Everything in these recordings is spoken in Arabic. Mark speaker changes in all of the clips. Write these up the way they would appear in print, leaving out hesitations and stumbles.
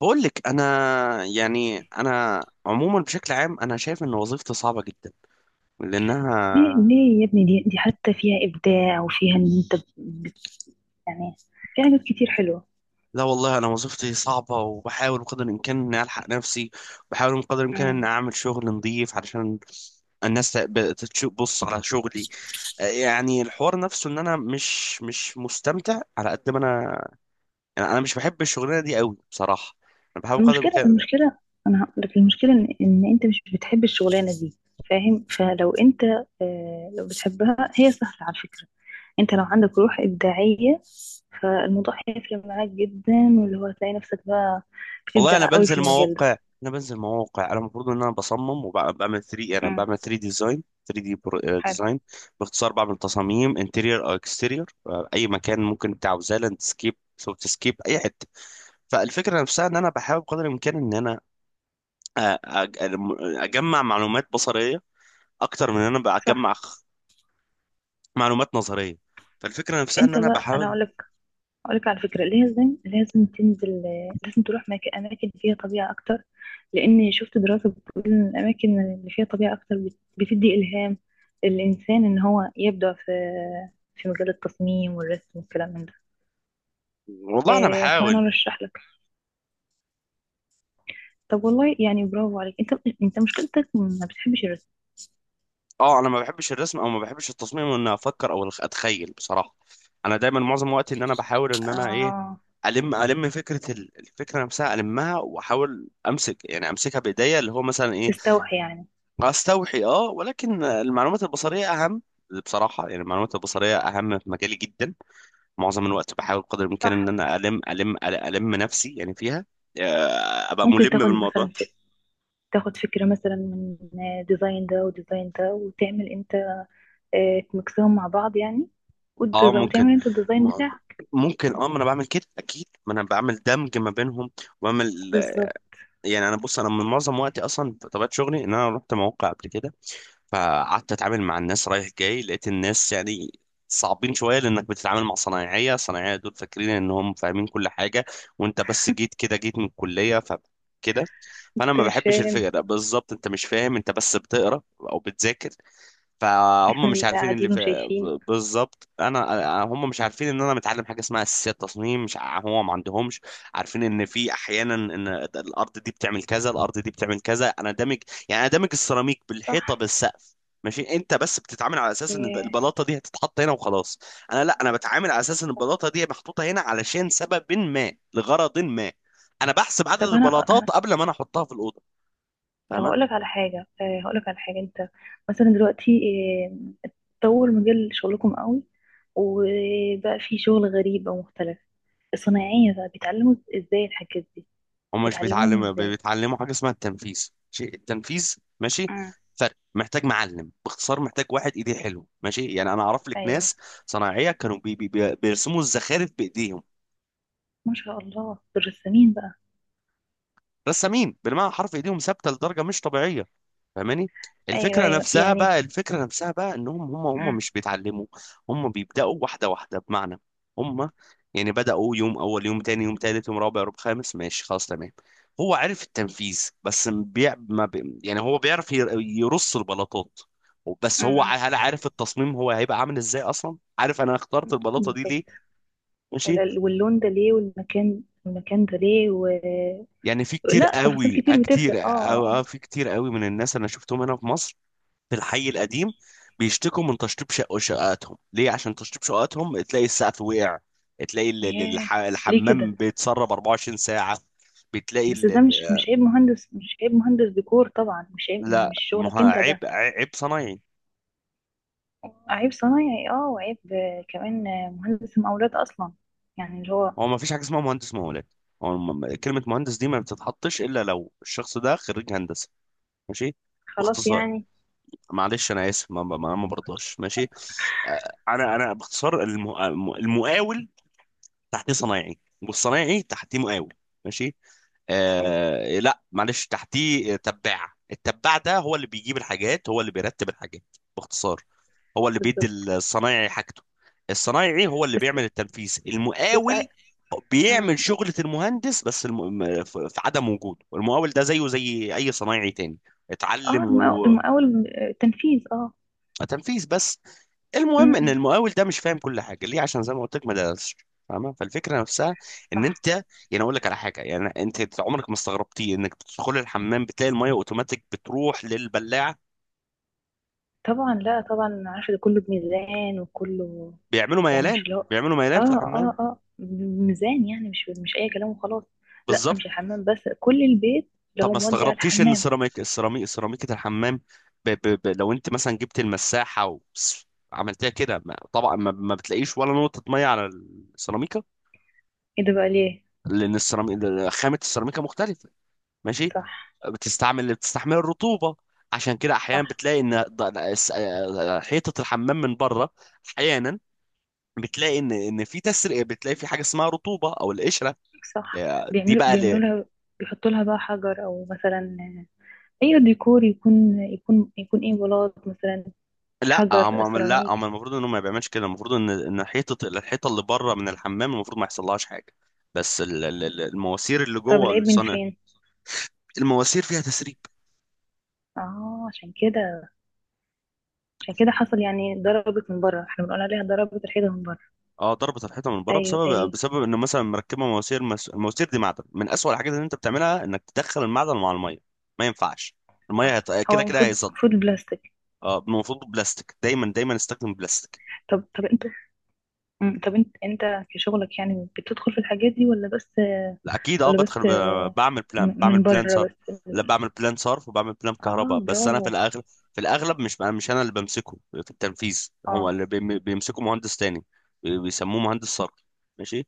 Speaker 1: بقول لك انا، يعني انا عموما بشكل عام، انا شايف ان وظيفتي صعبه جدا
Speaker 2: ليه
Speaker 1: لانها.
Speaker 2: ليه يا ابني، دي حتى فيها إبداع وفيها إن أنت يعني في حاجات كتير حلوة.
Speaker 1: لا والله، انا وظيفتي صعبه، وبحاول بقدر الامكان اني الحق نفسي. بحاول بقدر الامكان اني
Speaker 2: مم.
Speaker 1: اعمل شغل نظيف، علشان الناس تشوف. بص على شغلي. آه، يعني الحوار نفسه ان انا مش مستمتع على قد ما انا، يعني انا مش بحب الشغلانه دي قوي بصراحه. انا بحاول بقدر
Speaker 2: المشكلة
Speaker 1: الامكان.
Speaker 2: المشكلة أنا هقول لك المشكلة إن أنت مش بتحب الشغلانة دي. فاهم؟ فلو أنت، آه، لو بتحبها هي سهلة على فكرة. أنت لو عندك روح إبداعية فالموضوع هيفرق معاك جدا، واللي هو هتلاقي نفسك بقى
Speaker 1: والله،
Speaker 2: بتبدع قوي في المجال ده.
Speaker 1: انا بنزل مواقع. انا المفروض ان انا بصمم، وبعمل 3، انا
Speaker 2: مم.
Speaker 1: بعمل 3 ديزاين، 3 دي
Speaker 2: حلو.
Speaker 1: ديزاين. باختصار بعمل تصاميم انتيرير او اكستيرير، اي مكان ممكن انت عاوزاه، لاندسكيب، سوفت سكيب، اي حته. فالفكره نفسها ان انا بحاول قدر الامكان ان انا أ- أ- اجمع معلومات بصريه، اكتر من ان انا بجمع
Speaker 2: صح.
Speaker 1: معلومات نظريه. فالفكره نفسها ان
Speaker 2: أنت
Speaker 1: انا
Speaker 2: بقى أنا
Speaker 1: بحاول.
Speaker 2: أقول لك، أقولك على فكرة لازم تنزل، لازم تروح أماكن فيها طبيعة أكتر. لأن شفت دراسة بتقول إن الأماكن اللي فيها طبيعة أكتر بتدي إلهام للإنسان إن هو يبدع في مجال التصميم والرسم والكلام من ده.
Speaker 1: والله انا
Speaker 2: آه، فأنا
Speaker 1: بحاول.
Speaker 2: أرشح لك. طب والله، يعني برافو عليك. أنت مشكلتك ما بتحبش الرسم.
Speaker 1: اه، انا ما بحبش الرسم، او ما بحبش التصميم، ان افكر او اتخيل بصراحه. انا دايما معظم وقتي ان انا بحاول ان انا ايه،
Speaker 2: آه.
Speaker 1: الفكره نفسها المها، واحاول امسك، يعني امسكها بايديا، اللي هو مثلا ايه،
Speaker 2: تستوحي يعني.
Speaker 1: استوحي، اه. ولكن المعلومات البصريه اهم بصراحه. يعني المعلومات البصريه اهم في مجالي جدا. معظم الوقت بحاول قدر الامكان ان
Speaker 2: صح.
Speaker 1: انا الم نفسي يعني فيها. آه، ابقى
Speaker 2: ممكن
Speaker 1: ملم
Speaker 2: تاخد
Speaker 1: بالموضوع.
Speaker 2: مثلا، تاخد فكرة مثلا من ديزاين ده وديزاين ده وتعمل انت، آه، تمكسهم مع بعض يعني،
Speaker 1: اه ممكن.
Speaker 2: وتعمل انت الديزاين
Speaker 1: م-
Speaker 2: بتاعك.
Speaker 1: ممكن، اه. ما انا بعمل كده اكيد، ما انا بعمل دمج ما بينهم وبعمل،
Speaker 2: بالظبط.
Speaker 1: يعني. انا بص، انا من معظم وقتي اصلا طبيعه شغلي ان انا رحت مواقع قبل كده، فقعدت اتعامل مع الناس رايح جاي، لقيت الناس يعني صعبين شويه، لانك بتتعامل مع صنايعيه دول فاكرين انهم فاهمين كل حاجه، وانت بس جيت كده، جيت من الكليه، ف كده. فانا
Speaker 2: انت
Speaker 1: ما
Speaker 2: مش
Speaker 1: بحبش
Speaker 2: فاهم
Speaker 1: الفكره ده بالظبط. انت مش فاهم، انت بس بتقرا او بتذاكر، فهم
Speaker 2: احنا
Speaker 1: مش
Speaker 2: اللي
Speaker 1: عارفين اللي
Speaker 2: قاعدين
Speaker 1: في
Speaker 2: وشايفين.
Speaker 1: بالظبط. انا هم مش عارفين ان انا متعلم حاجه اسمها اساسيات تصميم، مش ع- هو ما عندهمش. عارفين ان في احيانا ان الارض دي بتعمل كذا، الارض دي بتعمل كذا. انا دامج، يعني انا دامج السيراميك
Speaker 2: صح.
Speaker 1: بالحيطه بالسقف. ماشي، انت بس بتتعامل على اساس ان
Speaker 2: ياه.
Speaker 1: البلاطه دي هتتحط هنا وخلاص. انا لا، انا بتعامل على اساس ان البلاطه دي محطوطه هنا علشان سبب ما، لغرض ما. انا بحسب عدد
Speaker 2: طب انا انا
Speaker 1: البلاطات قبل ما انا احطها في الاوضه.
Speaker 2: طب
Speaker 1: تمام.
Speaker 2: هقول لك على حاجه، آه، هقول لك على حاجه. انت مثلا دلوقتي، آه، طور مجال شغلكم قوي وبقى في شغل غريب او مختلف. الصنايعيه بقى بيتعلموا ازاي الحاجات دي؟
Speaker 1: هم مش
Speaker 2: بتعلموهم
Speaker 1: بيتعلموا،
Speaker 2: ازاي؟
Speaker 1: بيتعلموا حاجه اسمها التنفيذ. شيء التنفيذ ماشي،
Speaker 2: امم.
Speaker 1: فرق محتاج معلم. باختصار محتاج واحد ايديه حلو ماشي. يعني انا اعرف لك
Speaker 2: ايوه.
Speaker 1: ناس صناعيه كانوا بيرسموا الزخارف بايديهم.
Speaker 2: ما شاء الله دول رسامين بقى.
Speaker 1: رسامين بالمعنى حرف، ايديهم ثابته لدرجه مش طبيعيه. فاهماني؟
Speaker 2: ايوه، ايوه، يعني.
Speaker 1: الفكره نفسها بقى انهم هم
Speaker 2: مم.
Speaker 1: مش بيتعلموا. هم بيبداوا واحده واحده، بمعنى، هم يعني بداوا يوم اول، يوم تاني، يوم تالت، يوم رابع، يوم خامس، ماشي خلاص تمام. هو عرف التنفيذ بس، م- بيع ما بي يعني هو بيعرف يرص البلاطات. بس هو
Speaker 2: مم.
Speaker 1: هل عارف التصميم؟ هو هيبقى عامل ازاي اصلا؟ عارف انا اخترت البلاطه دي ليه؟
Speaker 2: بالظبط.
Speaker 1: ماشي.
Speaker 2: واللون ده ليه؟ والمكان ده ليه؟
Speaker 1: يعني في كتير
Speaker 2: لا، تفاصيل
Speaker 1: قوي، آه،
Speaker 2: كتير
Speaker 1: كتير،
Speaker 2: بتفرق.
Speaker 1: آه، آه،
Speaker 2: اه
Speaker 1: في كتير قوي من الناس انا شفتهم هنا في مصر في الحي القديم بيشتكوا من تشطيب شققاتهم. ليه؟ عشان تشطيب شققاتهم تلاقي السقف وقع، تلاقي
Speaker 2: ياه. ليه
Speaker 1: الحمام
Speaker 2: كده؟
Speaker 1: بيتسرب 24 ساعة. بتلاقي
Speaker 2: بس ده مش مش عيب مهندس، مش عيب مهندس ديكور طبعا، مش عيب، مش
Speaker 1: لا، ما هو
Speaker 2: شغلك انت
Speaker 1: عيب،
Speaker 2: ده.
Speaker 1: عيب صنايعي.
Speaker 2: عيب صنايعي، اه، وعيب، آه، كمان، آه، مهندس مقاولات اصلا. يعني اللي هو.
Speaker 1: هو ما فيش حاجة اسمها مهندس مقاولات. هو كلمة مهندس دي ما بتتحطش إلا لو الشخص ده خريج هندسة. ماشي.
Speaker 2: خلاص
Speaker 1: باختصار.
Speaker 2: يعني.
Speaker 1: معلش أنا آسف. ما برضاش ماشي. آه، أنا باختصار، المقاول تحتيه صنايعي، والصنايعي تحتيه مقاول. ماشي. آه لا معلش، تحتيه تباع. التباع ده هو اللي بيجيب الحاجات، هو اللي بيرتب الحاجات. باختصار هو اللي بيدي
Speaker 2: بالظبط.
Speaker 1: الصنايعي حاجته. الصنايعي هو اللي
Speaker 2: بس
Speaker 1: بيعمل التنفيذ.
Speaker 2: بس
Speaker 1: المقاول
Speaker 2: مم.
Speaker 1: بيعمل شغلة المهندس، بس في في عدم وجوده المقاول ده زيه زي أي صنايعي تاني،
Speaker 2: اه،
Speaker 1: اتعلم
Speaker 2: المقاول، آه، تنفيذ، اه.
Speaker 1: تنفيذ بس. المهم
Speaker 2: مم،
Speaker 1: ان
Speaker 2: مم.
Speaker 1: المقاول ده مش فاهم كل حاجه. ليه؟ عشان زي ما قلت لك، ما درسش، فاهمه؟ فالفكره نفسها ان
Speaker 2: صح،
Speaker 1: انت، يعني اقول لك على حاجه، يعني انت عمرك ما استغربتي انك تدخل الحمام بتلاقي الميه اوتوماتيك بتروح للبلاعه؟
Speaker 2: طبعا. لا، طبعا عارفة ده كله بميزان وكله. يعني مش اللي هو،
Speaker 1: بيعملوا ميلان في الحمام.
Speaker 2: اه بميزان يعني، مش اي كلام وخلاص. لا،
Speaker 1: بالظبط.
Speaker 2: مش الحمام بس كل البيت،
Speaker 1: طب
Speaker 2: لو
Speaker 1: ما
Speaker 2: مودي على
Speaker 1: استغربتيش ان
Speaker 2: الحمام.
Speaker 1: السيراميك سيراميكه الحمام، لو انت مثلا جبت المساحه و... عملتها كده، ما... طبعا ما... ما بتلاقيش ولا نقطه ميه على السيراميكا.
Speaker 2: ايه ده بقى؟ ليه؟
Speaker 1: لان السيراميك خامه السيراميكا مختلفه، ماشي.
Speaker 2: صح،
Speaker 1: بتستحمل الرطوبة. عشان كده احيانا
Speaker 2: صح،
Speaker 1: بتلاقي ان حيطة الحمام من بره، احيانا بتلاقي ان في تسريب، بتلاقي في حاجة اسمها رطوبة او القشرة.
Speaker 2: صح.
Speaker 1: آه، دي
Speaker 2: بيعملوا
Speaker 1: بقى
Speaker 2: بيعملوا
Speaker 1: ليه؟
Speaker 2: لها. بيحطوا لها بقى حجر، او مثلا اي ديكور يكون، ايه، بلاط مثلا،
Speaker 1: لا
Speaker 2: حجر
Speaker 1: هم، لا
Speaker 2: سيراميك.
Speaker 1: هم المفروض انهم ما بيعملش كده. المفروض ان حيطة، الحيطة اللي بره من الحمام المفروض ما يحصلهاش حاجة. بس المواسير اللي
Speaker 2: طب
Speaker 1: جوه
Speaker 2: العيب من
Speaker 1: الصنع،
Speaker 2: فين؟
Speaker 1: المواسير فيها تسريب.
Speaker 2: اه، عشان كده حصل يعني ضربت من بره، احنا بنقول عليها ضربت الحيطه من بره.
Speaker 1: اه ضربت الحيطه من بره
Speaker 2: ايوه،
Speaker 1: بسبب،
Speaker 2: ايوه.
Speaker 1: بسبب انه مثلا مركبه مواسير، المواسير دي معدن. من اسوأ الحاجات اللي انت بتعملها انك تدخل المعدن مع الميه. ما ينفعش، الميه
Speaker 2: صح.
Speaker 1: هت...
Speaker 2: هو
Speaker 1: كده كده
Speaker 2: المفروض
Speaker 1: هيصد.
Speaker 2: المفروض البلاستيك.
Speaker 1: اه المفروض بلاستيك، دايما دايما استخدم بلاستيك.
Speaker 2: طب انت. مم. طب انت في شغلك يعني بتدخل في الحاجات دي؟ ولا بس،
Speaker 1: لا اكيد، اه
Speaker 2: ولا بس
Speaker 1: بدخل، بعمل بلان، بعمل
Speaker 2: من
Speaker 1: بلان
Speaker 2: بره
Speaker 1: صرف.
Speaker 2: بس؟
Speaker 1: لا بعمل بلان صرف، وبعمل بلان كهرباء.
Speaker 2: اه،
Speaker 1: بس انا
Speaker 2: برافو.
Speaker 1: في الاغلب، في الاغلب مش انا، مش انا اللي بمسكه في التنفيذ. هو
Speaker 2: اه،
Speaker 1: اللي بيمسكه مهندس تاني. بيسموه مهندس صرف. ماشي.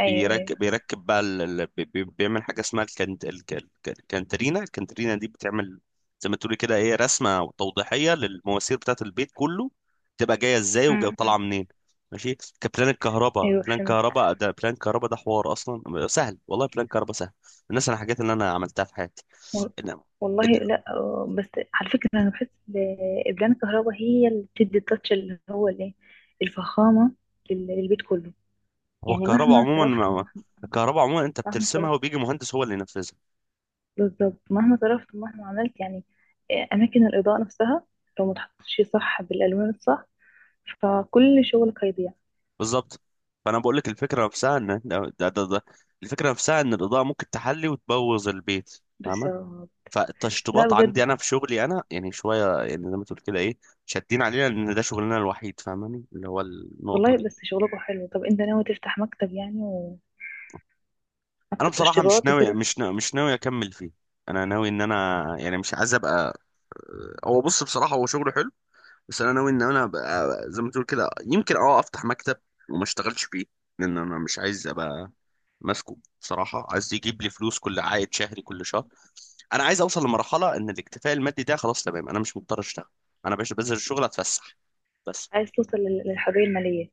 Speaker 2: ايوه، ايوه.
Speaker 1: بقى، بيعمل حاجه اسمها الكنترينا. الكنترينا دي بتعمل زي ما تقولي كده ايه، رسمه توضيحيه للمواسير بتاعت البيت كله، تبقى جايه ازاي وجايه
Speaker 2: مم.
Speaker 1: طالعه
Speaker 2: مم.
Speaker 1: منين. ماشي. كبلان الكهرباء
Speaker 2: ايوه،
Speaker 1: بلان
Speaker 2: فهمت.
Speaker 1: كهرباء ده بلان كهرباء ده حوار اصلا سهل، والله بلان كهرباء سهل. الناس، انا الحاجات اللي انا عملتها في حياتي،
Speaker 2: و-
Speaker 1: إن،
Speaker 2: والله
Speaker 1: إن،
Speaker 2: لا، آه، بس على فكرة انا بحس البلان الكهرباء هي اللي بتدي التاتش اللي هو الايه. الفخامة للبيت كله.
Speaker 1: هو
Speaker 2: يعني
Speaker 1: الكهرباء
Speaker 2: مهما
Speaker 1: عموما
Speaker 2: صرفت
Speaker 1: الكهرباء عموما انت
Speaker 2: مهما
Speaker 1: بترسمها،
Speaker 2: صرفت.
Speaker 1: وبيجي مهندس هو اللي ينفذها.
Speaker 2: بالظبط. مهما صرفت ومهما عملت يعني، آه، أماكن الإضاءة نفسها لو ما تحطش صح بالألوان الصح فكل شغلك هيضيع.
Speaker 1: بالظبط. فانا بقول لك الفكره نفسها ان ده ده ده الفكره نفسها ان الاضاءه ممكن تحلي وتبوظ البيت، فاهمه؟
Speaker 2: بالظبط. لا
Speaker 1: فالتشطيبات عندي
Speaker 2: بجد،
Speaker 1: انا، في شغلي انا، يعني شويه يعني زي ما تقول كده ايه، شادين علينا ان ده شغلنا الوحيد، فاهماني؟ اللي هو النقطه.
Speaker 2: والله بس شغلكوا حلو. طب أنت ناوي تفتح مكتب يعني، ومكتب
Speaker 1: انا بصراحه
Speaker 2: تشطيبات وكده؟
Speaker 1: مش ناوي اكمل فيه. انا ناوي ان انا، يعني مش عايز ابقى. هو بص بصراحه، هو شغله حلو، بس انا ناوي ان انا ابقى زي ما تقول كده، يمكن اه افتح مكتب وما اشتغلش فيه. لان انا مش عايز ابقى ماسكه بصراحه، عايز يجيب لي فلوس، كل عائد شهري كل شهر. انا عايز اوصل لمرحله ان الاكتفاء المادي ده خلاص تمام، انا مش مضطر اشتغل. انا باش بنزل الشغل اتفسح بس.
Speaker 2: عايز توصل للحرية المالية.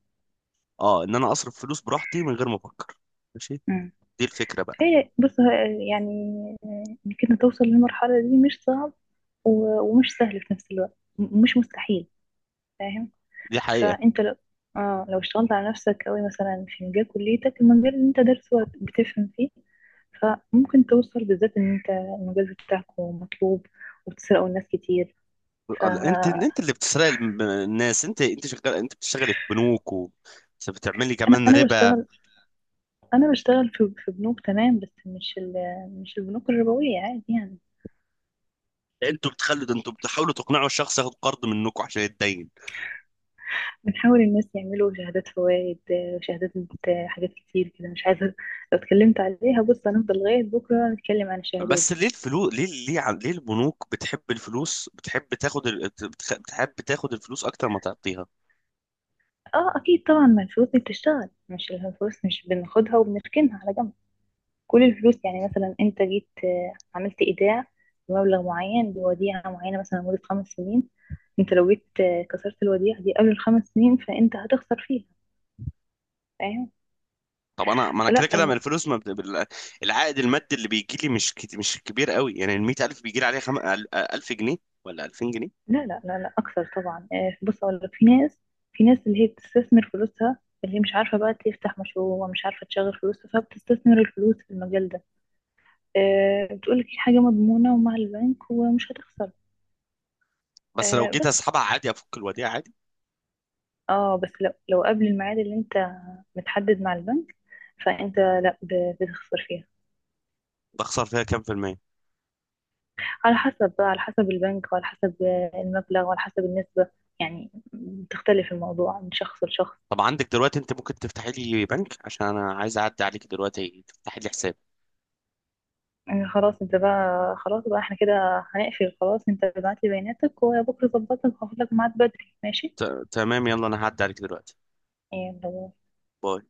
Speaker 1: اه، ان انا اصرف فلوس براحتي من غير ما افكر. ماشي.
Speaker 2: امم.
Speaker 1: دي الفكره بقى.
Speaker 2: إيه، بص، آه، يعني، آه، إنك أنت توصل للمرحلة دي مش صعب ومش سهل في نفس الوقت، مش مستحيل. فاهم؟
Speaker 1: دي حقيقه.
Speaker 2: فانت لو، اه، لو اشتغلت على نفسك قوي مثلا في مجال كليتك، المجال اللي انت دارسه بتفهم فيه. فممكن توصل، بالذات ان انت المجال بتاعك مطلوب، وبتسرقوا الناس كتير.
Speaker 1: انت،
Speaker 2: فانا،
Speaker 1: اللي بتسرق الناس. انت شغال، انت بتشتغلي في بنوك، و بتعملي كمان
Speaker 2: انا
Speaker 1: ربا.
Speaker 2: بشتغل انا بشتغل في بنوك تمام، بس مش مش البنوك الربويه عادي يعني.
Speaker 1: انتوا بتخلوا ده، انتوا بتحاولوا تقنعوا الشخص ياخد قرض منكم عشان يتدين.
Speaker 2: بنحاول الناس يعملوا شهادات فوائد، شهادات، حاجات كتير كده مش عايزه لو اتكلمت عليها. بص هنفضل لغايه بكره نتكلم عن الشهادات.
Speaker 1: بس ليه الفلوس؟ ليه ليه البنوك بتحب الفلوس؟ بتحب تاخد بتحب تاخد الفلوس اكتر ما تعطيها.
Speaker 2: اه اكيد طبعا، ما الفلوس دي بتشتغل، مش الفلوس مش بناخدها وبنركنها على جنب. كل الفلوس يعني مثلا انت جيت، آه، عملت ايداع بمبلغ معين بوديعة معينة مثلا لمدة 5 سنين. انت لو جيت، آه، كسرت الوديعة دي قبل ال5 سنين فانت هتخسر فيها. فاهم؟
Speaker 1: طب انا ما انا كده
Speaker 2: فلا
Speaker 1: كده من الفلوس، ما بت- بال- العائد المادي اللي بيجي لي مش مش كبير قوي. يعني ال 100,000 بيجي لي عليها 1000 جنيه ولا 2000 جنيه.
Speaker 2: لا، لا، لا، لا، اكثر طبعا، آه، بص اقول لك. في ناس اللي هي بتستثمر فلوسها، اللي هي مش عارفة بقى تفتح مشروع ومش عارفة تشغل فلوسها، فبتستثمر الفلوس في المجال ده. آه، بتقولك هي حاجة مضمونة ومع البنك ومش هتخسر.
Speaker 1: بس لو
Speaker 2: آه
Speaker 1: جيت
Speaker 2: بس،
Speaker 1: اسحبها عادي، افك الوديعه عادي؟
Speaker 2: اه بس، لو قبل الميعاد اللي انت متحدد مع البنك فانت لا بتخسر فيها.
Speaker 1: بخسر فيها كام في المية؟
Speaker 2: على حسب بقى، على حسب البنك وعلى حسب المبلغ وعلى حسب النسبة. يعني بتختلف الموضوع من شخص لشخص.
Speaker 1: طب عندك دلوقتي انت ممكن تفتحي لي بنك، عشان انا عايز اعدي عليك دلوقتي تفتحي لي حساب؟
Speaker 2: يعني خلاص انت بقى، خلاص بقى احنا كده هنقفل، خلاص انت ابعت لي بياناتك وبكره ظبطك وهاخد لك ميعاد بدري، ماشي
Speaker 1: ت... تمام، يلا انا هعدي عليك دلوقتي.
Speaker 2: يعني.
Speaker 1: باي.